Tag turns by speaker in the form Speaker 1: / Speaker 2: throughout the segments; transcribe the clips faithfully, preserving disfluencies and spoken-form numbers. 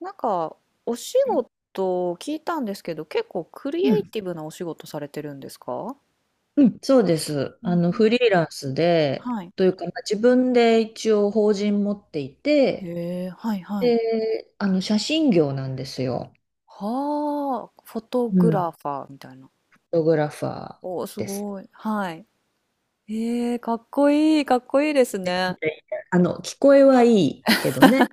Speaker 1: なんか、お仕事を聞いたんですけど、結構クリ
Speaker 2: う
Speaker 1: エイ
Speaker 2: ん、
Speaker 1: ティブなお仕事されてるんですか。
Speaker 2: うんそうです。
Speaker 1: う
Speaker 2: あ
Speaker 1: ん
Speaker 2: の、
Speaker 1: う
Speaker 2: フ
Speaker 1: ん。
Speaker 2: リーランスで、
Speaker 1: はい。
Speaker 2: というか、まあ自分で一応法人持っていて、
Speaker 1: へえ、はいはい。
Speaker 2: で、あの、写真業なんですよ。
Speaker 1: はあ、フォト
Speaker 2: う
Speaker 1: グ
Speaker 2: ん。フ
Speaker 1: ラファーみたいな。
Speaker 2: ォトグラファー。
Speaker 1: おー、すごい。はい。ええ、かっこいい、かっこいいですね。
Speaker 2: であの、聞こえはいいけどね。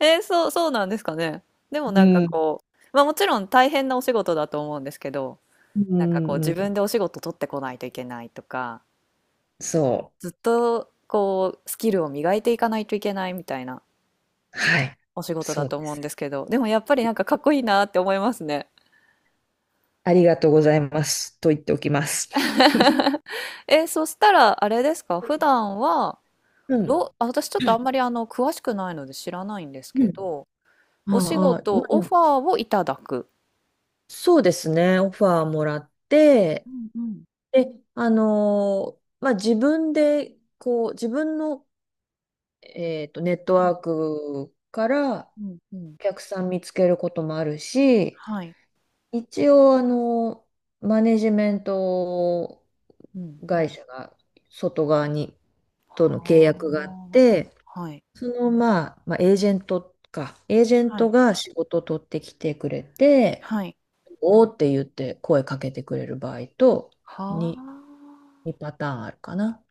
Speaker 1: えー、そう、そうなんですかね。でも
Speaker 2: う
Speaker 1: なんか
Speaker 2: ん。
Speaker 1: こう、まあもちろん大変なお仕事だと思うんですけど、
Speaker 2: う
Speaker 1: なんかこう
Speaker 2: ん、う
Speaker 1: 自
Speaker 2: ん
Speaker 1: 分でお仕事取ってこないといけないとか、
Speaker 2: そ
Speaker 1: ずっとこうスキルを磨いていかないといけないみたいな
Speaker 2: う。はい。
Speaker 1: お仕事だ
Speaker 2: そう
Speaker 1: と
Speaker 2: で
Speaker 1: 思うん
Speaker 2: す。
Speaker 1: ですけど、でもやっぱりなんかかっこいいなって思いますね。
Speaker 2: ありがとうございます。と言っておきます。
Speaker 1: え、そしたらあれですか、普段は、
Speaker 2: うん。
Speaker 1: どあ、私ちょっとあんまりあの詳しくないので知らないんです
Speaker 2: う
Speaker 1: け
Speaker 2: ん。
Speaker 1: ど、お仕
Speaker 2: ああ、ま
Speaker 1: 事、オ
Speaker 2: あ、
Speaker 1: ファーをいただく。
Speaker 2: そうですね。オファーもらって、
Speaker 1: うんうん。
Speaker 2: で、あのーまあ、自分で、こう、自分の、えっと、ネット
Speaker 1: は
Speaker 2: ワー
Speaker 1: い。
Speaker 2: クから
Speaker 1: うんうん。
Speaker 2: お客さん見つけることもあるし、
Speaker 1: はい。
Speaker 2: 一応、あのーマネジメント
Speaker 1: うんう
Speaker 2: 会
Speaker 1: ん。
Speaker 2: 社が外側に、との契
Speaker 1: は
Speaker 2: 約があって、
Speaker 1: あ。はい。
Speaker 2: その、まあ、まあ、エージェントか、エージェン
Speaker 1: は
Speaker 2: ト
Speaker 1: い。
Speaker 2: が仕事を取ってきてくれて、
Speaker 1: はい。
Speaker 2: おーって言って声かけてくれる場合と、
Speaker 1: は
Speaker 2: 2、
Speaker 1: あ。
Speaker 2: 2パターンあるかな。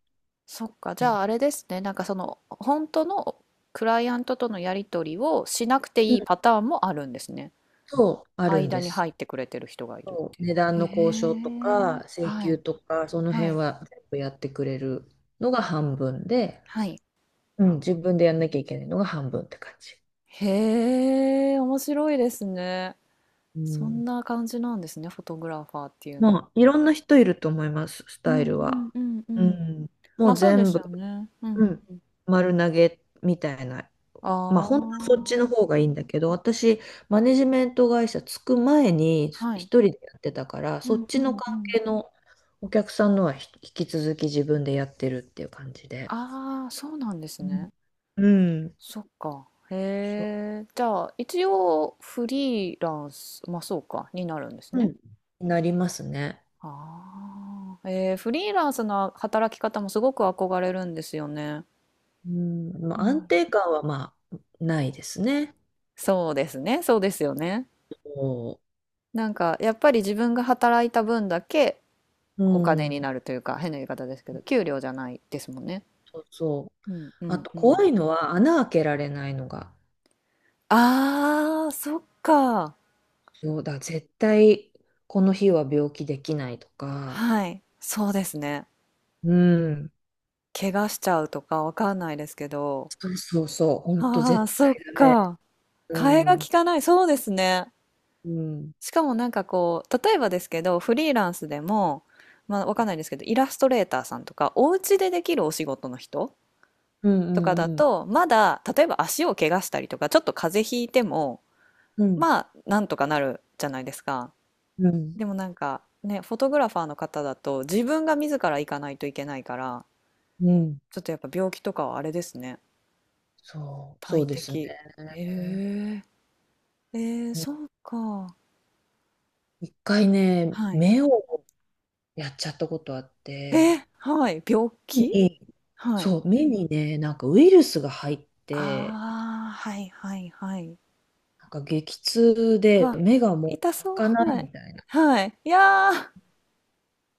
Speaker 1: そっか。じ
Speaker 2: う
Speaker 1: ゃああれですね。なんかその、本当のクライアントとのやり取りをしなくていい
Speaker 2: ん
Speaker 1: パターンもあるんですね。
Speaker 2: そう、あるん
Speaker 1: 間
Speaker 2: で
Speaker 1: に
Speaker 2: す。
Speaker 1: 入ってくれてる人がいるっ
Speaker 2: そ
Speaker 1: て
Speaker 2: う、
Speaker 1: いう。
Speaker 2: 値段
Speaker 1: へ
Speaker 2: の交渉と
Speaker 1: え、
Speaker 2: か、請
Speaker 1: は
Speaker 2: 求
Speaker 1: い、
Speaker 2: とか、その
Speaker 1: は
Speaker 2: 辺
Speaker 1: い、
Speaker 2: は全部やってくれるのが半分で、
Speaker 1: はい。
Speaker 2: うん、自分でやんなきゃいけないのが半分って感じ。
Speaker 1: へえ、面白いですね。
Speaker 2: う
Speaker 1: そん
Speaker 2: ん。
Speaker 1: な感じなんですね、フォトグラファーっていうの
Speaker 2: ま
Speaker 1: は。
Speaker 2: あ、いろんな人いると思います、ス
Speaker 1: う
Speaker 2: タイ
Speaker 1: ん
Speaker 2: ル
Speaker 1: うん
Speaker 2: は。
Speaker 1: うんう
Speaker 2: う
Speaker 1: ん。
Speaker 2: ん。も
Speaker 1: まあ
Speaker 2: う
Speaker 1: そうで
Speaker 2: 全
Speaker 1: すよ
Speaker 2: 部、
Speaker 1: ね。う
Speaker 2: う
Speaker 1: ん。
Speaker 2: ん、丸投げみたいな、まあ
Speaker 1: あ
Speaker 2: 本当はそっちの方
Speaker 1: あ、
Speaker 2: がいいんだけど、私、マネジメント会社つく前に一
Speaker 1: はい。
Speaker 2: 人でやってたから、
Speaker 1: う
Speaker 2: そ
Speaker 1: ん
Speaker 2: っ
Speaker 1: う
Speaker 2: ちの
Speaker 1: んう
Speaker 2: 関
Speaker 1: ん。
Speaker 2: 係のお客さんのはひ引き続き自分でやってるっていう感じで。
Speaker 1: ああ、そうなんです
Speaker 2: う
Speaker 1: ね。
Speaker 2: ん。うん
Speaker 1: そっか。
Speaker 2: そ
Speaker 1: へえ。じゃあ、一応フリーランス、まあそうか、になるんです
Speaker 2: う、う
Speaker 1: ね。
Speaker 2: んなりますね。
Speaker 1: ああ、えー、フリーランスの働き方もすごく憧れるんですよね。
Speaker 2: うん。まあ
Speaker 1: う
Speaker 2: 安
Speaker 1: ん、
Speaker 2: 定感はまあないですね。
Speaker 1: そうですね、そうですよね。
Speaker 2: そ
Speaker 1: なんかやっぱり自分が働いた分だけ
Speaker 2: う。う
Speaker 1: お金に
Speaker 2: ん。
Speaker 1: なるというか、変な言い方ですけど、給料じゃないですもんね。
Speaker 2: そうそう。
Speaker 1: うんう
Speaker 2: あ
Speaker 1: ん
Speaker 2: と
Speaker 1: う
Speaker 2: 怖
Speaker 1: ん。
Speaker 2: いのは穴開けられないのが。
Speaker 1: ああ、そっか。
Speaker 2: そうだ、絶対この日は病気できないとか。
Speaker 1: はい、そうですね。
Speaker 2: うん、
Speaker 1: 怪我しちゃうとかわかんないですけど。
Speaker 2: そうそうそう、ほんと
Speaker 1: ああ、
Speaker 2: 絶
Speaker 1: そっ
Speaker 2: 対だね。
Speaker 1: か。
Speaker 2: う
Speaker 1: 替えが利
Speaker 2: ん、
Speaker 1: かない、そうですね。
Speaker 2: うん、
Speaker 1: しかもなんかこう、例えばですけど、フリーランスでも、まあわかんないですけど、イラストレーターさんとか、お家でできるお仕事の人
Speaker 2: う
Speaker 1: とかだ
Speaker 2: ん、うん、
Speaker 1: と、まだ、例えば足を怪我したりとか、ちょっと風邪ひいても、
Speaker 2: うん、
Speaker 1: まあ、なんとかなるじゃないですか。
Speaker 2: うん、
Speaker 1: でもなんか、ね、フォトグラファーの方だと、自分が自ら行かないといけないから、
Speaker 2: うん、
Speaker 1: ちょっとやっぱ病気とかはあれですね。
Speaker 2: そう、そ
Speaker 1: 大
Speaker 2: うですね。
Speaker 1: 敵。えええー、
Speaker 2: うん、
Speaker 1: そうか。
Speaker 2: 一回ね、
Speaker 1: はい。
Speaker 2: 目をやっちゃったことあっ
Speaker 1: え
Speaker 2: て、
Speaker 1: ー、はい。病
Speaker 2: 目
Speaker 1: 気。
Speaker 2: に
Speaker 1: はい。
Speaker 2: そう、目にね、なんかウイルスが入って、
Speaker 1: ああ、はいはいはい。
Speaker 2: なんか激痛で
Speaker 1: わ、
Speaker 2: 目がも
Speaker 1: 痛
Speaker 2: う
Speaker 1: そう、
Speaker 2: 開かない
Speaker 1: はい。
Speaker 2: みたいな。
Speaker 1: はい。いやー、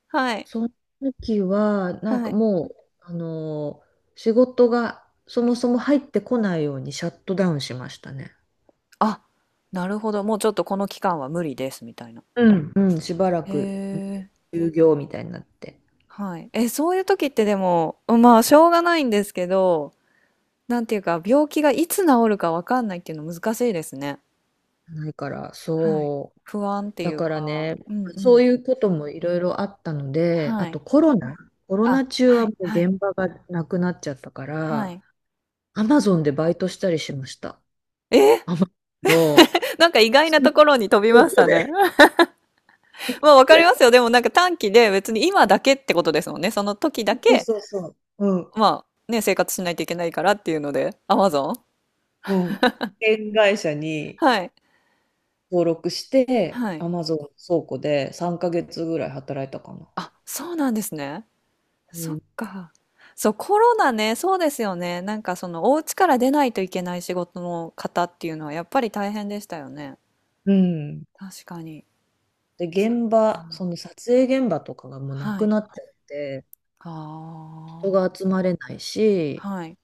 Speaker 1: はい。
Speaker 2: その時は、なん
Speaker 1: は
Speaker 2: か
Speaker 1: い。
Speaker 2: もう、あのー仕事がそもそも入ってこないようにシャットダウンしましたね。
Speaker 1: あ、なるほど。もうちょっとこの期間は無理です、みたいな。
Speaker 2: うんうん、しばら
Speaker 1: へ
Speaker 2: く
Speaker 1: え、
Speaker 2: 休業みたいになって
Speaker 1: はい。え、そういう時ってでも、まあ、しょうがないんですけど、なんていうか、病気がいつ治るかわかんないっていうの難しいですね。
Speaker 2: ないから、
Speaker 1: はい。
Speaker 2: そう。
Speaker 1: 不安ってい
Speaker 2: だ
Speaker 1: う
Speaker 2: から
Speaker 1: か、
Speaker 2: ね、
Speaker 1: うんう
Speaker 2: そ
Speaker 1: ん。
Speaker 2: ういうこともいろいろあったので、あ
Speaker 1: は
Speaker 2: と
Speaker 1: い。
Speaker 2: コロナ、コロ
Speaker 1: あ、
Speaker 2: ナ中
Speaker 1: は
Speaker 2: は
Speaker 1: い、
Speaker 2: もう
Speaker 1: はい、
Speaker 2: 現場がなくなっちゃったか
Speaker 1: は
Speaker 2: ら、
Speaker 1: い。
Speaker 2: アマゾンでバイトしたりしました。
Speaker 1: えー、
Speaker 2: アマゾンの
Speaker 1: なんか意外な
Speaker 2: そ
Speaker 1: ところに飛びましたね。まあ、わかりますよ。でもなんか短期で別に今だけってことですもんね。その時だ
Speaker 2: う
Speaker 1: け、
Speaker 2: そうそう。うん。
Speaker 1: まあね、生活しないといけないからっていうので、Amazon？
Speaker 2: うん。保険会社に
Speaker 1: はい。
Speaker 2: 登録して、
Speaker 1: はい。
Speaker 2: アマゾン倉庫でさんかげつぐらい働いたかな。
Speaker 1: あ、そうなんですね。
Speaker 2: う
Speaker 1: そっ
Speaker 2: ん
Speaker 1: か。そう、コロナね、そうですよね。なんかそのお家から出ないといけない仕事の方っていうのはやっぱり大変でしたよね。
Speaker 2: うん。
Speaker 1: 確かに。
Speaker 2: で、
Speaker 1: そっ
Speaker 2: 現場、
Speaker 1: か。
Speaker 2: その撮影現場とかがもうな
Speaker 1: は
Speaker 2: く
Speaker 1: い。
Speaker 2: なっちゃって、人
Speaker 1: あ
Speaker 2: が
Speaker 1: あ、
Speaker 2: 集まれないし、
Speaker 1: はい。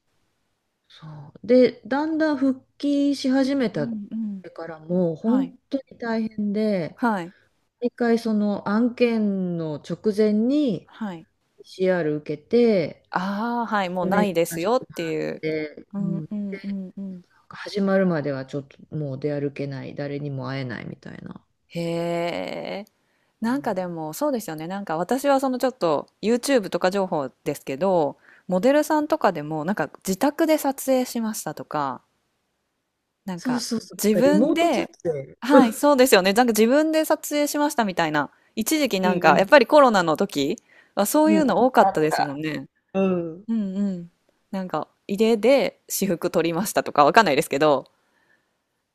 Speaker 2: そう。で、だんだん復帰し始め
Speaker 1: う
Speaker 2: た
Speaker 1: んうん。
Speaker 2: からもう
Speaker 1: は
Speaker 2: 本
Speaker 1: い。
Speaker 2: 当に大変で、
Speaker 1: はい。
Speaker 2: 一回その案件の直前に
Speaker 1: はい。
Speaker 2: ピーシーアール 受けて、
Speaker 1: ああ、はい。もう
Speaker 2: メ
Speaker 1: な
Speaker 2: ー
Speaker 1: い
Speaker 2: ル
Speaker 1: で
Speaker 2: さ
Speaker 1: す
Speaker 2: せて
Speaker 1: よっ
Speaker 2: も
Speaker 1: て
Speaker 2: らっ
Speaker 1: いう。
Speaker 2: て、
Speaker 1: う
Speaker 2: う
Speaker 1: ん
Speaker 2: ん、な
Speaker 1: うんうんうん。
Speaker 2: んか始まるまではちょっともう出歩けない、誰にも会えないみたいな。
Speaker 1: へえ。
Speaker 2: う
Speaker 1: なんかで
Speaker 2: ん
Speaker 1: もそうですよね。なんか私はそのちょっと YouTube とか情報ですけど、モデルさんとかでもなんか自宅で撮影しましたとか、なん
Speaker 2: そう
Speaker 1: か
Speaker 2: そうそう、なん
Speaker 1: 自
Speaker 2: かリモ
Speaker 1: 分
Speaker 2: ート撮
Speaker 1: で、
Speaker 2: 影。
Speaker 1: はい、そうですよね。なんか自分で撮影しましたみたいな。一時期
Speaker 2: う
Speaker 1: なんかや
Speaker 2: ん
Speaker 1: っぱりコロナの時はそ
Speaker 2: う
Speaker 1: うい
Speaker 2: ん。う
Speaker 1: う
Speaker 2: ん、あ
Speaker 1: の多か
Speaker 2: あ
Speaker 1: った
Speaker 2: っ
Speaker 1: ですもん
Speaker 2: た。
Speaker 1: ね。
Speaker 2: うん。
Speaker 1: うんうん。なんか家で私服撮りましたとかわかんないですけど、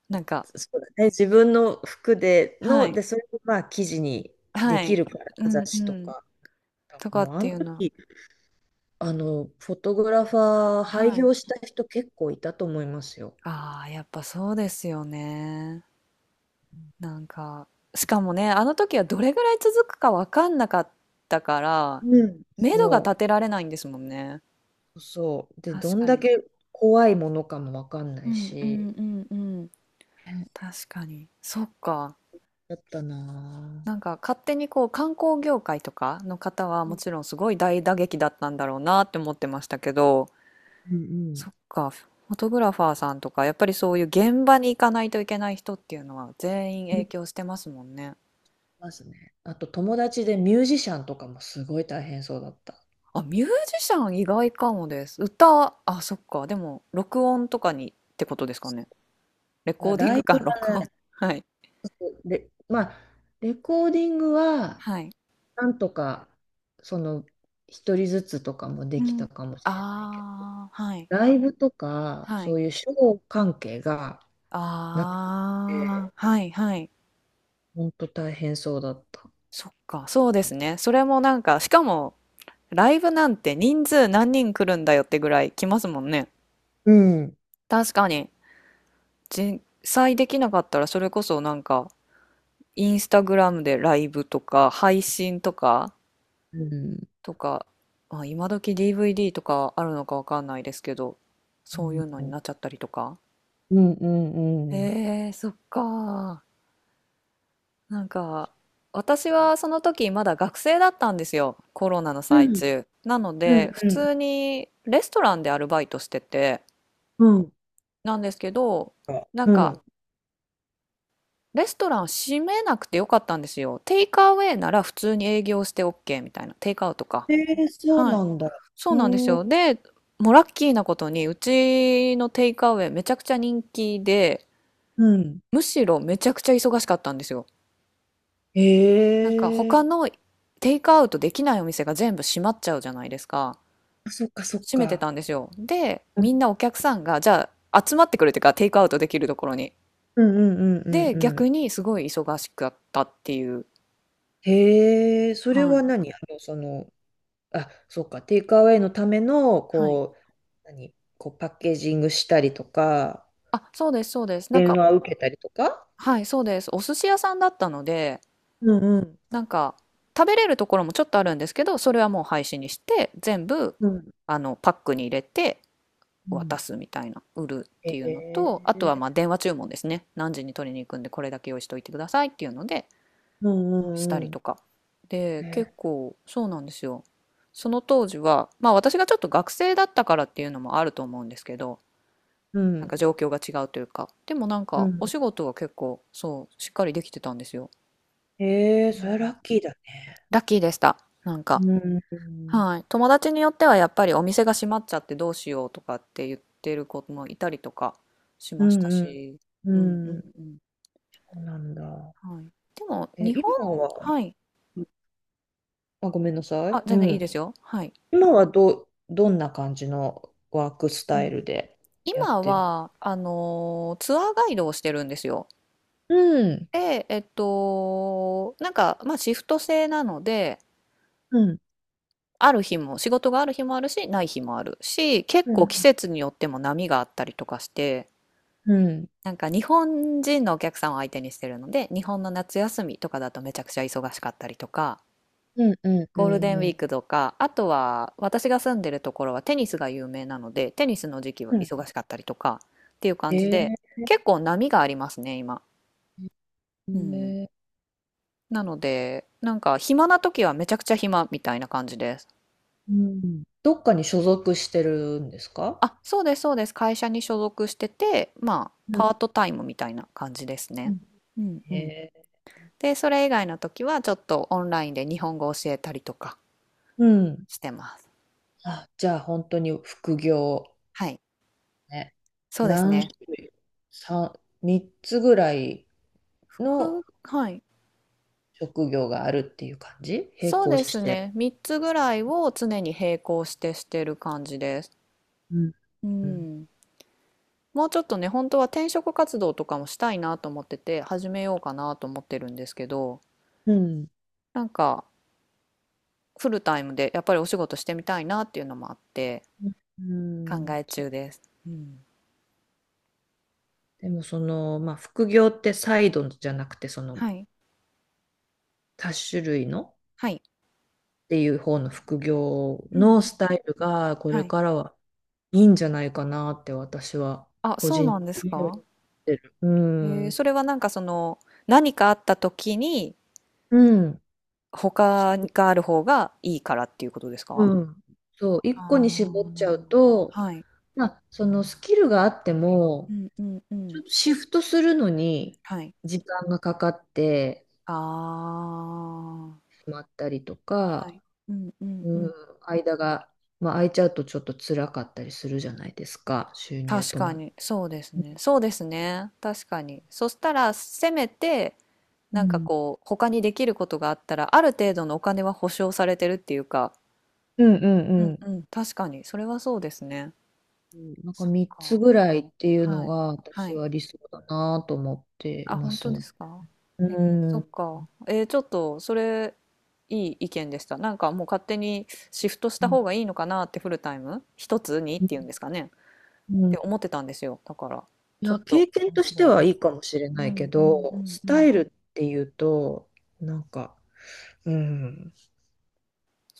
Speaker 1: なんか、
Speaker 2: そうだね、自分の服で
Speaker 1: は
Speaker 2: の、
Speaker 1: い、
Speaker 2: で、それをまあ記事にで
Speaker 1: は
Speaker 2: き
Speaker 1: い、
Speaker 2: るから、
Speaker 1: うん
Speaker 2: 雑
Speaker 1: う
Speaker 2: 誌と
Speaker 1: ん。
Speaker 2: か。
Speaker 1: とか
Speaker 2: も
Speaker 1: っ
Speaker 2: うあ
Speaker 1: て
Speaker 2: の
Speaker 1: いうの。
Speaker 2: 時、あの、フォトグラファー廃
Speaker 1: はい。
Speaker 2: 業した人結構いたと思いますよ。
Speaker 1: ああ、やっぱそうですよね。なんか、しかもね、あの時はどれぐらい続くかわかんなかったから、
Speaker 2: うん。
Speaker 1: 目処が立
Speaker 2: そ
Speaker 1: てられないんですもんね。
Speaker 2: う、そう。で、
Speaker 1: 確
Speaker 2: どん
Speaker 1: か
Speaker 2: だ
Speaker 1: に。
Speaker 2: け怖いものかもわかんな
Speaker 1: う
Speaker 2: い
Speaker 1: んうん
Speaker 2: し、
Speaker 1: うんうん。確かに。そっか。
Speaker 2: だったな
Speaker 1: なんか勝手にこう観光業界とかの方は
Speaker 2: ぁ。う
Speaker 1: も
Speaker 2: ん
Speaker 1: ちろんすごい大打撃だったんだろうなって思ってましたけど、
Speaker 2: うん
Speaker 1: そっか、フォトグラファーさんとか、やっぱりそういう現場に行かないといけない人っていうのは全員
Speaker 2: う
Speaker 1: 影
Speaker 2: ん
Speaker 1: 響してますもんね。
Speaker 2: ますね。あと友達でミュージシャンとかもすごい大変そうだった。だか
Speaker 1: あ、ミュージシャン意外かもです。歌、はあ、そっか、でも録音とかにってことですかね。レコ
Speaker 2: ら
Speaker 1: ーディン
Speaker 2: ライ
Speaker 1: グ
Speaker 2: ブ、
Speaker 1: か、録音。はい。
Speaker 2: レまあ、レコーディングは
Speaker 1: はい。
Speaker 2: なんとか、その、一人ずつとかもで
Speaker 1: う
Speaker 2: き
Speaker 1: ん。
Speaker 2: たかもしれないけ
Speaker 1: ああ、はい。
Speaker 2: ど、ライブとか、
Speaker 1: は
Speaker 2: そ
Speaker 1: い。
Speaker 2: ういうショー関係がなく
Speaker 1: ああ、
Speaker 2: て、
Speaker 1: はい、はい。
Speaker 2: 本当大変そうだった。
Speaker 1: そっか、そうですね。それもなんか、しかも、ライブなんて人数何人来るんだよってぐらい来ますもんね。
Speaker 2: うん。
Speaker 1: 確かに。実際できなかったらそれこそなんかインスタグラムでライブとか配信とか
Speaker 2: うん。
Speaker 1: とか、まあ、今時 ディーブイディー とかあるのかわかんないですけど、
Speaker 2: う
Speaker 1: そういうの
Speaker 2: ん、
Speaker 1: になっちゃったりとか。
Speaker 2: うん、うん。
Speaker 1: えー、そっか。なんか私はその時まだ学生だったんですよ。コロナの
Speaker 2: う
Speaker 1: 最
Speaker 2: ん
Speaker 1: 中なの
Speaker 2: うん、
Speaker 1: で普
Speaker 2: うん、
Speaker 1: 通にレストランでアルバイトしてて、
Speaker 2: うん。うん
Speaker 1: なんですけど、なん
Speaker 2: う
Speaker 1: か
Speaker 2: ん。
Speaker 1: レストラン閉めなくてよかったんですよ。テイクアウェイなら普通に営業して OK みたいな。テイクアウトか。
Speaker 2: えー、そう
Speaker 1: はい。
Speaker 2: なんだ。
Speaker 1: そうなんです
Speaker 2: う
Speaker 1: ね
Speaker 2: ん、
Speaker 1: よ。で、もうラッキーなことに、うちのテイクアウェイめちゃくちゃ人気で、
Speaker 2: うん。
Speaker 1: むしろめちゃくちゃ忙しかったんですよ。
Speaker 2: へ
Speaker 1: なんか他
Speaker 2: え、
Speaker 1: のテイクアウトできないお店が全部閉まっちゃうじゃないですか。
Speaker 2: あそっかそっ
Speaker 1: 閉めて
Speaker 2: か。
Speaker 1: たんですよ。で、
Speaker 2: う
Speaker 1: み
Speaker 2: ん
Speaker 1: んなお客さんが、じゃあ集まってくるっていうか、テイクアウトできるところに。
Speaker 2: うんうんうんうん。
Speaker 1: で、
Speaker 2: う
Speaker 1: 逆
Speaker 2: ん
Speaker 1: にすごい忙しかったっていう。
Speaker 2: へえ、それ
Speaker 1: は
Speaker 2: は
Speaker 1: い。
Speaker 2: 何あの、その、あ、そうか、テイクアウェイのための、
Speaker 1: はい。
Speaker 2: こう、何、こうパッケージングしたりとか、
Speaker 1: あ、そうです、そうです。なん
Speaker 2: 電
Speaker 1: か、
Speaker 2: 話を受けたりとか。
Speaker 1: はい、そうです。お寿司屋さんだったので、
Speaker 2: うんうん
Speaker 1: なんか、食べれるところもちょっとあるんですけど、それはもう廃止にして、全部、
Speaker 2: うん
Speaker 1: あの、パックに入れて
Speaker 2: うん
Speaker 1: 渡すみたいな、売るっ
Speaker 2: へ
Speaker 1: ていうのと、あと
Speaker 2: え
Speaker 1: はまあ電話注文ですね。何時に取りに行くんで、これだけ用意しておいてくださいっていうので、
Speaker 2: うん
Speaker 1: した
Speaker 2: う
Speaker 1: り
Speaker 2: んう
Speaker 1: とか。で、
Speaker 2: んへ
Speaker 1: 結
Speaker 2: え。
Speaker 1: 構、そうなんですよ。その当時は、まあ私がちょっと学生だったからっていうのもあると思うんですけど、
Speaker 2: う
Speaker 1: なん
Speaker 2: ん。
Speaker 1: か状況が違うというか。でもなん
Speaker 2: う
Speaker 1: か、
Speaker 2: ん
Speaker 1: お仕事は結構、そう、しっかりできてたんですよ。
Speaker 2: へえ
Speaker 1: う
Speaker 2: それ
Speaker 1: ん、
Speaker 2: ラッキーだね。
Speaker 1: ラッキーでした。なん
Speaker 2: う
Speaker 1: か、
Speaker 2: んうん
Speaker 1: はい。友達によってはやっぱりお店が閉まっちゃってどうしようとかって言ってる子もいたりとかし
Speaker 2: う
Speaker 1: ました
Speaker 2: ん
Speaker 1: し、
Speaker 2: う
Speaker 1: うんんうん
Speaker 2: ん
Speaker 1: うん。
Speaker 2: そうなんだ。
Speaker 1: はい。でも、
Speaker 2: え、
Speaker 1: 日本、
Speaker 2: 今は、
Speaker 1: はい。
Speaker 2: あ、ごめんなさ
Speaker 1: あ、
Speaker 2: い。う
Speaker 1: 全然いいで
Speaker 2: ん。
Speaker 1: すよ。はい。
Speaker 2: 今はど、どんな感じのワークス
Speaker 1: う
Speaker 2: タイ
Speaker 1: ん。
Speaker 2: ルでやっ
Speaker 1: 今
Speaker 2: てる？
Speaker 1: は、あのーツアーガイドをしてるんですよ。
Speaker 2: うん
Speaker 1: で、えっと、なんか、まあ、シフト制なので、
Speaker 2: うん
Speaker 1: ある日も仕事がある日もあるしない日もあるし、結
Speaker 2: う
Speaker 1: 構季
Speaker 2: ん
Speaker 1: 節によっても波があったりとかして、
Speaker 2: うん。
Speaker 1: なんか日本人のお客さんを相手にしてるので、日本の夏休みとかだとめちゃくちゃ忙しかったりとか、
Speaker 2: うんうんう
Speaker 1: ゴールデ
Speaker 2: ん
Speaker 1: ンウ
Speaker 2: う
Speaker 1: ィ
Speaker 2: ん。
Speaker 1: ークとか、あとは私が住んでるところはテニスが有名なので、テニスの時期は
Speaker 2: うん。
Speaker 1: 忙しかったりとかっていう
Speaker 2: へ
Speaker 1: 感じで、
Speaker 2: え。
Speaker 1: 結構波がありますね今。うん、
Speaker 2: ね
Speaker 1: なのでなんか暇な時はめちゃくちゃ暇みたいな感じです。
Speaker 2: うん。どっかに所属してるんですか？
Speaker 1: あ、そうですそうです。会社に所属してて、まあ、
Speaker 2: うん
Speaker 1: パートタイムみたいな感じです
Speaker 2: う
Speaker 1: ね。
Speaker 2: ん
Speaker 1: うんう
Speaker 2: へ
Speaker 1: ん。
Speaker 2: え。
Speaker 1: で、それ以外の時はちょっとオンラインで日本語を教えたりとか
Speaker 2: うん。
Speaker 1: してます。
Speaker 2: あ、じゃあ本当に副業
Speaker 1: はい。
Speaker 2: ね。
Speaker 1: そうです
Speaker 2: 何
Speaker 1: ね。
Speaker 2: 種類 ?さん、三つぐらいの
Speaker 1: く、はい。
Speaker 2: 職業があるっていう感じ並
Speaker 1: そう
Speaker 2: 行
Speaker 1: です
Speaker 2: して。
Speaker 1: ね。みっつぐらいを常に並行してしてる感じです。
Speaker 2: うん
Speaker 1: う
Speaker 2: うん
Speaker 1: ん。もうちょっとね、本当は転職活動とかもしたいなと思ってて、始めようかなと思ってるんですけど、
Speaker 2: うん
Speaker 1: なんかフルタイムでやっぱりお仕事してみたいなっていうのもあって、
Speaker 2: う
Speaker 1: 考
Speaker 2: ん
Speaker 1: え
Speaker 2: そう、
Speaker 1: 中です。うん。
Speaker 2: でもその、まあ、副業ってサイドじゃなくてその
Speaker 1: はい。
Speaker 2: 多種類の
Speaker 1: はい。
Speaker 2: っていう方の副業
Speaker 1: うんうん。
Speaker 2: のスタイルがこ
Speaker 1: は
Speaker 2: れ
Speaker 1: い。
Speaker 2: からはいいんじゃないかなって私は
Speaker 1: あ、
Speaker 2: 個
Speaker 1: そう
Speaker 2: 人
Speaker 1: な
Speaker 2: 的
Speaker 1: んです
Speaker 2: には言っ
Speaker 1: か？
Speaker 2: てる。う
Speaker 1: ええ、
Speaker 2: ん。
Speaker 1: それはなんかその、何かあった時に、
Speaker 2: うん。
Speaker 1: 他がある方がいいからっていうことですか？
Speaker 2: うん。そう、一個
Speaker 1: あ
Speaker 2: に絞っちゃ
Speaker 1: あ、
Speaker 2: うと、
Speaker 1: はい。
Speaker 2: まあ、そのスキルがあって
Speaker 1: う
Speaker 2: も、
Speaker 1: んうんう
Speaker 2: ちょっ
Speaker 1: ん。
Speaker 2: とシフトするのに
Speaker 1: はい。
Speaker 2: 時間がかかって
Speaker 1: ああ。
Speaker 2: しまったりと
Speaker 1: は
Speaker 2: か、
Speaker 1: い。うんうん
Speaker 2: う
Speaker 1: うん。
Speaker 2: ん、間が、まあ、空いちゃうとちょっと辛かったりするじゃないですか、収入
Speaker 1: 確
Speaker 2: 止
Speaker 1: か
Speaker 2: まっ
Speaker 1: に、
Speaker 2: て。
Speaker 1: そうですね。そうですね、確かに。そしたら、せめて、
Speaker 2: う
Speaker 1: なんか
Speaker 2: ん
Speaker 1: こう、他にできることがあったら、ある程度のお金は保証されてるっていうか、
Speaker 2: うんう
Speaker 1: う
Speaker 2: んう
Speaker 1: ん
Speaker 2: ん。
Speaker 1: うん、確かに、それはそうですね。
Speaker 2: うんなんか
Speaker 1: そっ
Speaker 2: みっつ
Speaker 1: か。
Speaker 2: ぐらいっていうの
Speaker 1: はい。
Speaker 2: が
Speaker 1: は
Speaker 2: 私
Speaker 1: い。
Speaker 2: は理想だなと思ってい
Speaker 1: あ、
Speaker 2: ま
Speaker 1: 本
Speaker 2: す
Speaker 1: 当で
Speaker 2: ね。
Speaker 1: すか。
Speaker 2: う
Speaker 1: え、そ
Speaker 2: ん。
Speaker 1: っ
Speaker 2: う
Speaker 1: か。えーちょっと、それ、いい意見でした。なんかもう勝手にシフトした方が
Speaker 2: ん
Speaker 1: いいのかなって、フルタイム一つにっていうんですかね。
Speaker 2: う
Speaker 1: って
Speaker 2: ん、
Speaker 1: 思ってたんですよ。だから、
Speaker 2: い
Speaker 1: ちょ
Speaker 2: や、
Speaker 1: っと
Speaker 2: 経験
Speaker 1: 面
Speaker 2: とし
Speaker 1: 白
Speaker 2: て
Speaker 1: い意
Speaker 2: は
Speaker 1: 見。
Speaker 2: いいかもしれな
Speaker 1: う
Speaker 2: いけ
Speaker 1: んうんう
Speaker 2: ど、
Speaker 1: ん
Speaker 2: ス
Speaker 1: う
Speaker 2: タ
Speaker 1: ん。
Speaker 2: イルっていうと、なんか、うん、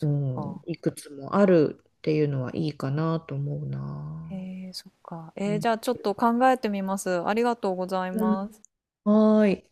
Speaker 2: う
Speaker 1: っ
Speaker 2: ん、
Speaker 1: か。
Speaker 2: いくつもあるっていうのはいいかなと思うな。
Speaker 1: えー、そっか。
Speaker 2: う
Speaker 1: えー
Speaker 2: ん、
Speaker 1: じゃあちょっと考えてみます。ありがとうござい
Speaker 2: うん
Speaker 1: ます。
Speaker 2: はーい。